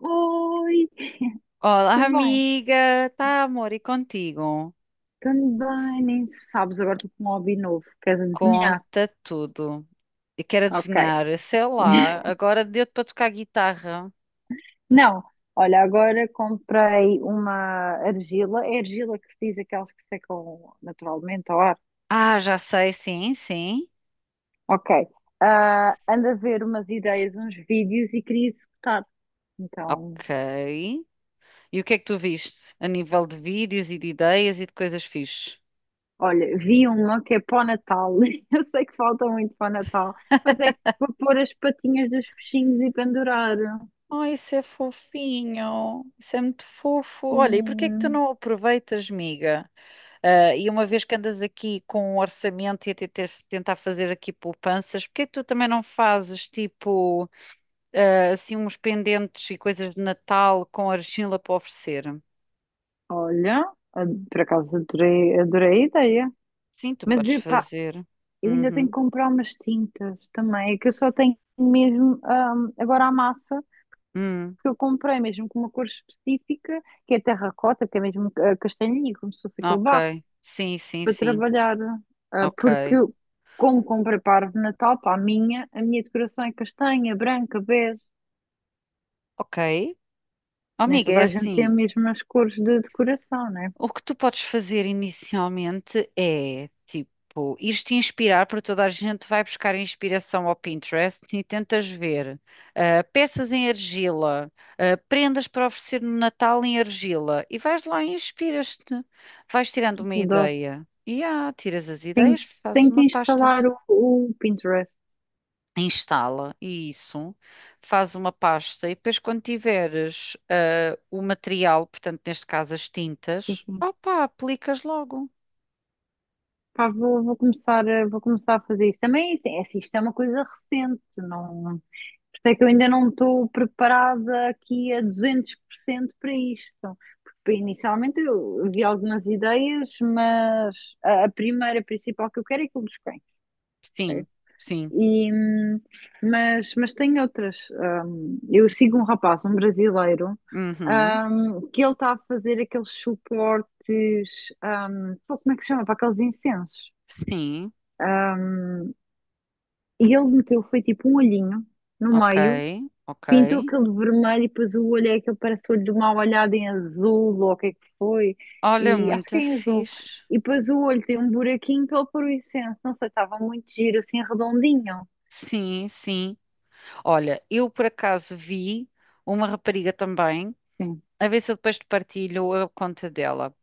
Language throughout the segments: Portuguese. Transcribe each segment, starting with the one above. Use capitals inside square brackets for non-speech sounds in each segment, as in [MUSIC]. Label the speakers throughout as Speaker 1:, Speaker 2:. Speaker 1: Oi,
Speaker 2: Olá,
Speaker 1: tudo bem?
Speaker 2: amiga. Tá, amor, e contigo?
Speaker 1: Tudo bem, nem sabes, agora estou com um hobby novo. Queres adivinhar?
Speaker 2: Conta tudo. E quero
Speaker 1: Ok.
Speaker 2: adivinhar, sei lá,
Speaker 1: [LAUGHS]
Speaker 2: agora deu-te para tocar guitarra.
Speaker 1: Não, olha, agora comprei uma argila. É argila que se diz aquelas que secam naturalmente ao ar.
Speaker 2: Ah, já sei, sim, sim.
Speaker 1: Ok. Ah, ando a ver umas ideias, uns vídeos e queria executar. Então,
Speaker 2: Ok. E o que é que tu viste? A nível de vídeos e de ideias e de coisas fixes?
Speaker 1: olha, vi uma que é para o Natal. [LAUGHS] Eu sei que falta muito para o Natal, mas é que vou pôr as patinhas dos peixinhos e pendurar.
Speaker 2: Oh, isso é fofinho. Isso é muito fofo. Olha, e porquê é que tu
Speaker 1: Sim.
Speaker 2: não aproveitas, amiga? Ah, e uma vez que andas aqui com um orçamento e a tentar fazer aqui poupanças, porquê é que tu também não fazes tipo, assim uns pendentes e coisas de Natal com argila para oferecer.
Speaker 1: Olha, por acaso adorei, adorei a ideia.
Speaker 2: Sim, tu
Speaker 1: Mas
Speaker 2: podes
Speaker 1: epá,
Speaker 2: fazer.
Speaker 1: eu ainda tenho que
Speaker 2: Uhum.
Speaker 1: comprar umas tintas também. É que eu só tenho mesmo agora a massa
Speaker 2: Hum,
Speaker 1: que eu comprei, mesmo com uma cor específica, que é terracota, que é mesmo castanhinho, como se fosse aquele barro,
Speaker 2: ok. Sim, sim,
Speaker 1: para
Speaker 2: sim.
Speaker 1: trabalhar. Ah, porque,
Speaker 2: Ok.
Speaker 1: como comprei parvo de Natal, para a minha decoração é castanha, branca, bege.
Speaker 2: Ok. Oh,
Speaker 1: Nem
Speaker 2: amiga,
Speaker 1: toda
Speaker 2: é
Speaker 1: a gente tem as
Speaker 2: assim.
Speaker 1: mesmas cores de decoração, né?
Speaker 2: O que tu podes fazer inicialmente é, tipo, ir-te inspirar, porque toda a gente vai buscar inspiração ao Pinterest e tentas ver peças em argila, prendas para oferecer no Natal em argila, e vais lá e inspiras-te. Vais tirando uma
Speaker 1: Adoro.
Speaker 2: ideia. E tiras as
Speaker 1: Tenho,
Speaker 2: ideias, fazes
Speaker 1: tenho que
Speaker 2: uma pasta.
Speaker 1: instalar o Pinterest.
Speaker 2: Instala e isso, faz uma pasta e depois quando tiveres o material, portanto neste caso as
Speaker 1: Sim,
Speaker 2: tintas,
Speaker 1: sim.
Speaker 2: opá, aplicas logo.
Speaker 1: Pá, vou começar, vou começar a fazer isso. Também, assim, é assim, isto é uma coisa recente, não. Por isso é que eu ainda não estou preparada aqui a 200% para isto. Então, porque inicialmente eu vi algumas ideias, mas a primeira, a principal que eu quero é aquilo dos cães, ok?
Speaker 2: Sim, sim.
Speaker 1: E, mas tem outras. Eu sigo um rapaz, um brasileiro,
Speaker 2: Uhum,
Speaker 1: que ele está a fazer aqueles suportes, pô, como é que se chama? Para aqueles incensos.
Speaker 2: sim.
Speaker 1: E ele meteu, foi tipo um olhinho no
Speaker 2: Ok,
Speaker 1: meio,
Speaker 2: ok.
Speaker 1: pintou aquele vermelho e depois o olho é aquele parece o olho de uma olhada em azul, ou o que é que foi,
Speaker 2: Olha,
Speaker 1: e acho que
Speaker 2: muito
Speaker 1: é em azul.
Speaker 2: fixe.
Speaker 1: E depois o olho tem um buraquinho pela fluorescência, não sei, estava muito giro, assim, redondinho.
Speaker 2: Sim, sim. Olha, eu por acaso vi uma rapariga também,
Speaker 1: Sim.
Speaker 2: a ver se eu depois te partilho a conta dela.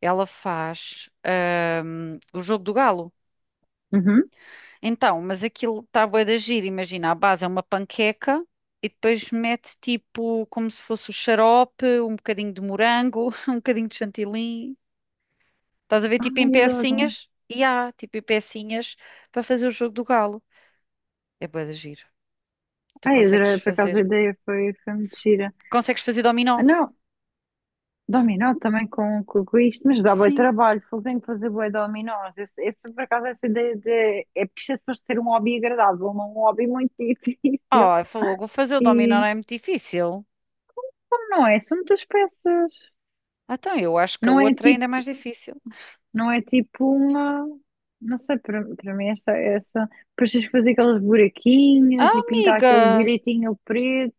Speaker 2: Ela faz o jogo do galo.
Speaker 1: Uhum.
Speaker 2: Então, mas aquilo está bué de giro. Imagina, a base é uma panqueca e depois mete tipo como se fosse o xarope, um bocadinho de morango, [LAUGHS] um bocadinho de chantilly. Estás a ver tipo em
Speaker 1: Ai, adoro.
Speaker 2: pecinhas? E há tipo em pecinhas para fazer o jogo do galo. É bué de giro. Tu
Speaker 1: Ai,
Speaker 2: consegues
Speaker 1: adorei, por acaso
Speaker 2: fazer.
Speaker 1: a ideia foi muito gira.
Speaker 2: Consegues fazer dominó?
Speaker 1: Ah, não, dominó também com isto, mas dá boi
Speaker 2: Sim.
Speaker 1: trabalho, fogo tenho que fazer boi dominós. Esse, por acaso, essa ideia de. É porque isto é suposto ser um hobby agradável, não um hobby muito [LAUGHS] difícil.
Speaker 2: Ah, falou, vou fazer o dominó
Speaker 1: E
Speaker 2: não é muito difícil.
Speaker 1: não é, são muitas peças.
Speaker 2: Então, eu acho que a
Speaker 1: Não é
Speaker 2: outra ainda é
Speaker 1: tipo,
Speaker 2: mais difícil.
Speaker 1: não é tipo uma. Não sei, para mim, essa. Depois tens que fazer aqueles
Speaker 2: Ah,
Speaker 1: buraquinhos e pintar aquele
Speaker 2: amiga!
Speaker 1: direitinho preto.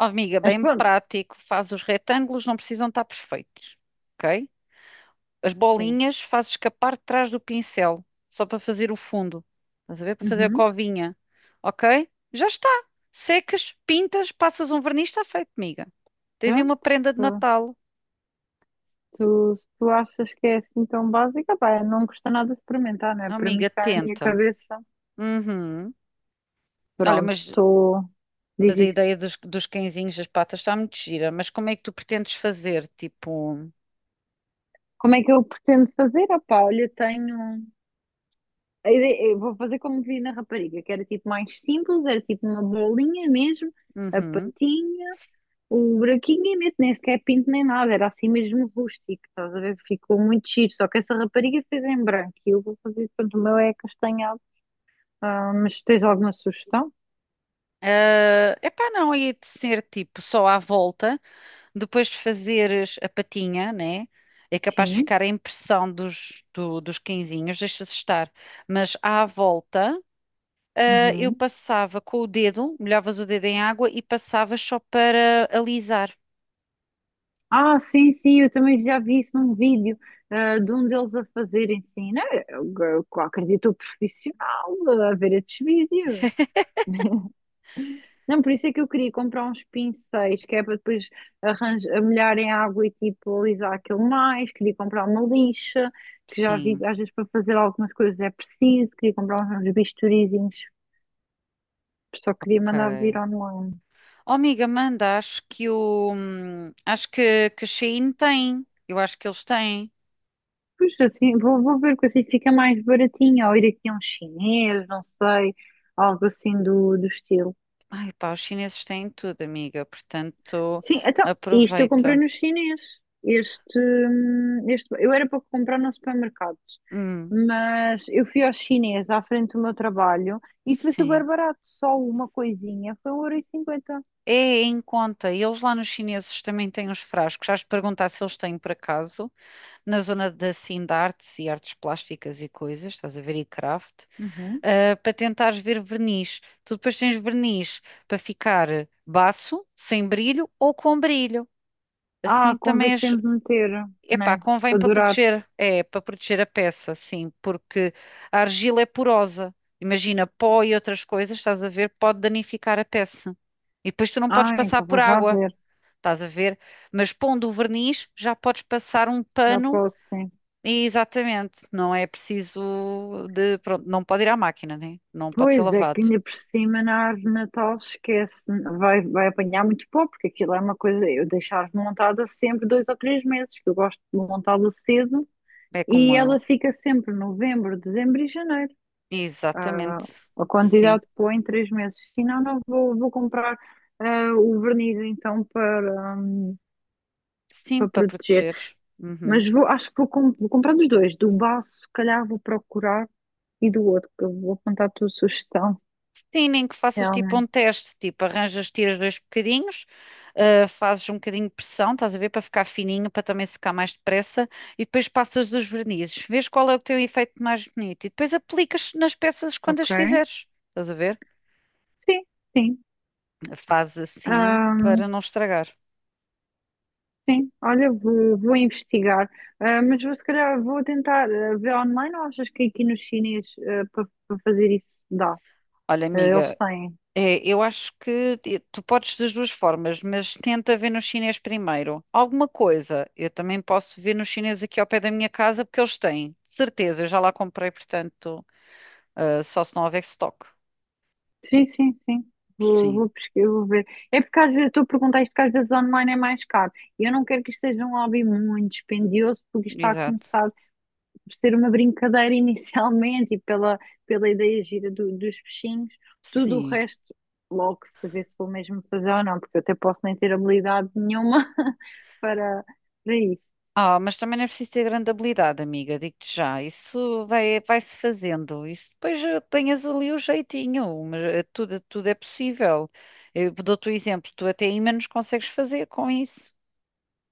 Speaker 2: Oh, amiga,
Speaker 1: Mas
Speaker 2: bem
Speaker 1: pronto,
Speaker 2: prático. Faz os retângulos, não precisam estar perfeitos. Ok? As
Speaker 1: sim.
Speaker 2: bolinhas faço escapar de trás do pincel, só para fazer o fundo. Estás a ver? Para fazer a
Speaker 1: Uhum.
Speaker 2: covinha. Ok? Já está. Secas, pintas, passas um verniz, está feito, amiga. Tens aí uma prenda de
Speaker 1: Pronto.
Speaker 2: Natal.
Speaker 1: Se tu achas que é assim tão básica, pá, não custa nada experimentar, não
Speaker 2: Oh,
Speaker 1: é? Para mim
Speaker 2: amiga,
Speaker 1: está na minha
Speaker 2: tenta.
Speaker 1: cabeça.
Speaker 2: Uhum. Olha,
Speaker 1: Pronto, estou. Diz
Speaker 2: mas a
Speaker 1: isso.
Speaker 2: ideia dos, dos cãezinhos das patas está muito gira. Mas como é que tu pretendes fazer? Tipo.
Speaker 1: Como é que eu pretendo fazer? Ah, pá, olha, tenho. Eu vou fazer como vi na rapariga, que era tipo mais simples, era tipo uma bolinha mesmo, a
Speaker 2: Uhum.
Speaker 1: patinha, o buraquinho e meto, nem sequer pinto nem nada, era assim mesmo rústico, estás a ver? Ficou muito giro, só que essa rapariga fez em branco e eu vou fazer, pronto, o meu é castanhado. Ah, mas tens alguma sugestão?
Speaker 2: Ah, epá, não, ia de ser tipo só à volta. Depois de fazeres a patinha, né? É capaz de
Speaker 1: Sim.
Speaker 2: ficar a impressão dos, dos quinzinhos, deixa-se estar. Mas à volta, eu
Speaker 1: Uhum.
Speaker 2: passava com o dedo, molhavas o dedo em água e passavas só para alisar.
Speaker 1: Ah, sim, sim, eu também já vi isso num vídeo, de um deles a fazerem sim né? Eu acredito o profissional a ver estes vídeos. Não, por isso é que eu queria comprar uns pincéis, que é para depois arranjar, molhar em água e tipo alisar aquilo mais. Queria comprar uma lixa, que já vi,
Speaker 2: Sim,
Speaker 1: às vezes para fazer algumas coisas é preciso. Queria comprar uns bisturizinhos, só queria mandar vir
Speaker 2: ok.
Speaker 1: online.
Speaker 2: Oh, amiga, manda, acho que o. Acho que a Shein tem. Eu acho que eles têm.
Speaker 1: Pois assim, vou ver que assim fica mais baratinho, ou ir aqui a um chinês, não sei, algo assim do estilo.
Speaker 2: Ai, pá, os chineses têm tudo, amiga. Portanto,
Speaker 1: Sim, então, isto eu comprei
Speaker 2: aproveita.
Speaker 1: no chinês. Este, eu era para comprar no supermercado,
Speaker 2: Hum,
Speaker 1: mas eu fui ao chinês à frente do meu trabalho e isso foi
Speaker 2: sim.
Speaker 1: super barato, só uma coisinha, foi um 1,50€.
Speaker 2: É em conta. E eles lá nos chineses também têm uns frascos. Já te perguntar se eles têm por acaso, na zona da assim, de artes e artes plásticas e coisas, estás a ver, e craft,
Speaker 1: Uhum.
Speaker 2: para tentares ver verniz. Tu depois tens verniz para ficar baço, sem brilho ou com brilho.
Speaker 1: Ah,
Speaker 2: Assim também
Speaker 1: convém
Speaker 2: és.
Speaker 1: sempre meter,
Speaker 2: Epá,
Speaker 1: né?
Speaker 2: convém
Speaker 1: Para
Speaker 2: para
Speaker 1: durar.
Speaker 2: proteger, é, para proteger a peça, sim, porque a argila é porosa. Imagina, pó e outras coisas, estás a ver, pode danificar a peça. E depois tu não podes
Speaker 1: Ah,
Speaker 2: passar
Speaker 1: então
Speaker 2: por
Speaker 1: vou já
Speaker 2: água,
Speaker 1: ver,
Speaker 2: estás a ver? Mas pondo o verniz, já podes passar um
Speaker 1: já
Speaker 2: pano
Speaker 1: posso, sim.
Speaker 2: e exatamente, não é preciso de, pronto, não pode ir à máquina, né? Não pode ser
Speaker 1: Pois é, que
Speaker 2: lavado.
Speaker 1: ainda por cima na árvore de Natal esquece, vai apanhar muito pó, porque aquilo é uma coisa, eu deixo a árvore montada sempre 2 ou 3 meses, que eu gosto de montá-la cedo,
Speaker 2: É como
Speaker 1: e
Speaker 2: eu.
Speaker 1: ela fica sempre novembro, dezembro e janeiro.
Speaker 2: Exatamente.
Speaker 1: Ah, a
Speaker 2: Sim.
Speaker 1: quantidade de pó em 3 meses. Se não, não vou comprar o verniz então para,
Speaker 2: Sim,
Speaker 1: para
Speaker 2: para
Speaker 1: proteger.
Speaker 2: proteger. Uhum.
Speaker 1: Mas vou, acho que vou, vou comprar dos dois, do baço, se calhar vou procurar, e do outro, que eu vou apontar a tua sugestão,
Speaker 2: Sim, nem que faças tipo um
Speaker 1: realmente,
Speaker 2: teste, tipo, arranjas, tiras dois bocadinhos, fazes um bocadinho de pressão, estás a ver, para ficar fininho, para também secar mais depressa, e depois passas os vernizes, vês qual é o teu efeito mais bonito, e depois aplicas nas peças quando
Speaker 1: ok?
Speaker 2: as fizeres, estás a ver?
Speaker 1: Sim, sim.
Speaker 2: Faz assim para
Speaker 1: Ahm,
Speaker 2: não estragar.
Speaker 1: sim, olha, vou investigar. Ah, mas vou, se calhar vou tentar ver online ou achas que aqui no chinês para fazer isso dá?
Speaker 2: Olha,
Speaker 1: Ah, eles
Speaker 2: amiga,
Speaker 1: têm.
Speaker 2: é, eu acho que tu podes das duas formas, mas tenta ver no chinês primeiro. Alguma coisa, eu também posso ver no chinês aqui ao pé da minha casa, porque eles têm, de certeza, eu já lá comprei, portanto, só se não houver estoque.
Speaker 1: Sim, sim, sim. Vou,
Speaker 2: Sim,
Speaker 1: vou pesquisar, vou ver. É porque às vezes tu perguntaste que às vezes online é mais caro. E eu não quero que isto seja um hobby muito dispendioso, porque isto está a
Speaker 2: exato.
Speaker 1: começar por ser uma brincadeira [LAUGHS] inicialmente e pela ideia gira dos peixinhos, tudo o
Speaker 2: Sim.
Speaker 1: resto logo se vê se vou mesmo fazer ou não, porque eu até posso nem ter habilidade nenhuma [LAUGHS] para, para isso.
Speaker 2: Ah, mas também não é preciso ter grande habilidade, amiga, digo-te já. Isso vai, vai-se fazendo. Isso depois apanhas ali o jeitinho, mas tudo, tudo é possível. Eu dou-te o exemplo, tu até ímãs consegues fazer com isso.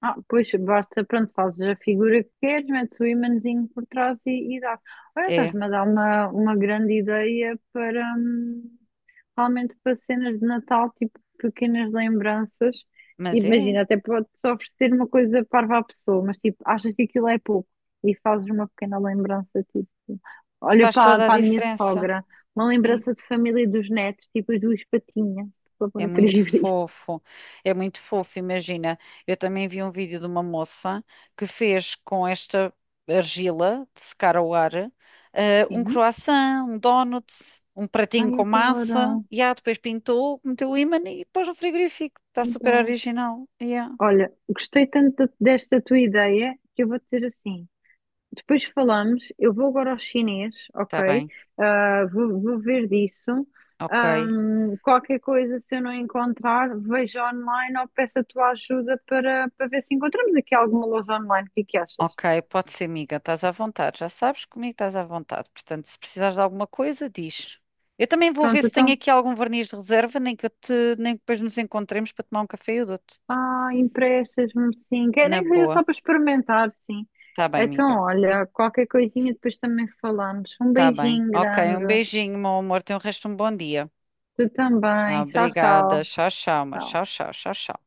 Speaker 1: Ah, pois basta, pronto, fazes a figura que queres, metes o imãzinho por trás e dá. Olha,
Speaker 2: É,
Speaker 1: estás-me a dar uma grande ideia para, realmente para cenas de Natal, tipo pequenas lembranças.
Speaker 2: mas é.
Speaker 1: Imagina, até pode-se oferecer uma coisa parva à pessoa, mas tipo, achas que aquilo é pouco e fazes uma pequena lembrança, tipo, olha
Speaker 2: Faz
Speaker 1: para,
Speaker 2: toda a
Speaker 1: para a minha
Speaker 2: diferença,
Speaker 1: sogra, uma
Speaker 2: sim.
Speaker 1: lembrança de família e dos netos, tipo as duas patinhas, para pôr
Speaker 2: É
Speaker 1: no
Speaker 2: muito
Speaker 1: frigorífico.
Speaker 2: fofo, é muito fofo. Imagina, eu também vi um vídeo de uma moça que fez com esta argila de secar ao ar, um
Speaker 1: Sim. [LAUGHS]
Speaker 2: croissant, um donut, um pratinho
Speaker 1: Ai,
Speaker 2: com massa,
Speaker 1: adoro,
Speaker 2: e depois pintou, meteu o ímã e pôs no frigorífico. Está super
Speaker 1: adoro.
Speaker 2: original. Yeah.
Speaker 1: Olha, gostei tanto desta tua ideia que eu vou dizer assim. Depois falamos. Eu vou agora ao chinês,
Speaker 2: Está
Speaker 1: ok?
Speaker 2: bem,
Speaker 1: Ah, vou ver disso.
Speaker 2: ok.
Speaker 1: Qualquer coisa, se eu não encontrar, vejo online ou peço a tua ajuda para ver se encontramos aqui alguma loja online. O que é que achas?
Speaker 2: Ok, pode ser, amiga, estás à vontade. Já sabes que comigo estás à vontade. Portanto, se precisares de alguma coisa, diz. Eu também vou ver
Speaker 1: Pronto,
Speaker 2: se tenho
Speaker 1: então.
Speaker 2: aqui algum verniz de reserva, nem que eu te, nem que depois nos encontremos para tomar um café e eu dou-te.
Speaker 1: Ah, emprestas-me sim. Quer
Speaker 2: Na
Speaker 1: nem que seja
Speaker 2: boa.
Speaker 1: só para experimentar, sim.
Speaker 2: Tá bem,
Speaker 1: Então,
Speaker 2: amiga.
Speaker 1: olha, qualquer coisinha depois também falamos. Um
Speaker 2: Tá bem.
Speaker 1: beijinho
Speaker 2: Ok, um
Speaker 1: grande.
Speaker 2: beijinho, meu amor. Tenha o resto de um bom dia.
Speaker 1: Tu
Speaker 2: Ah,
Speaker 1: também. Tchau,
Speaker 2: obrigada.
Speaker 1: tchau.
Speaker 2: Tchau, tchau, amor.
Speaker 1: Tchau.
Speaker 2: Tchau, tchau, tchau, tchau.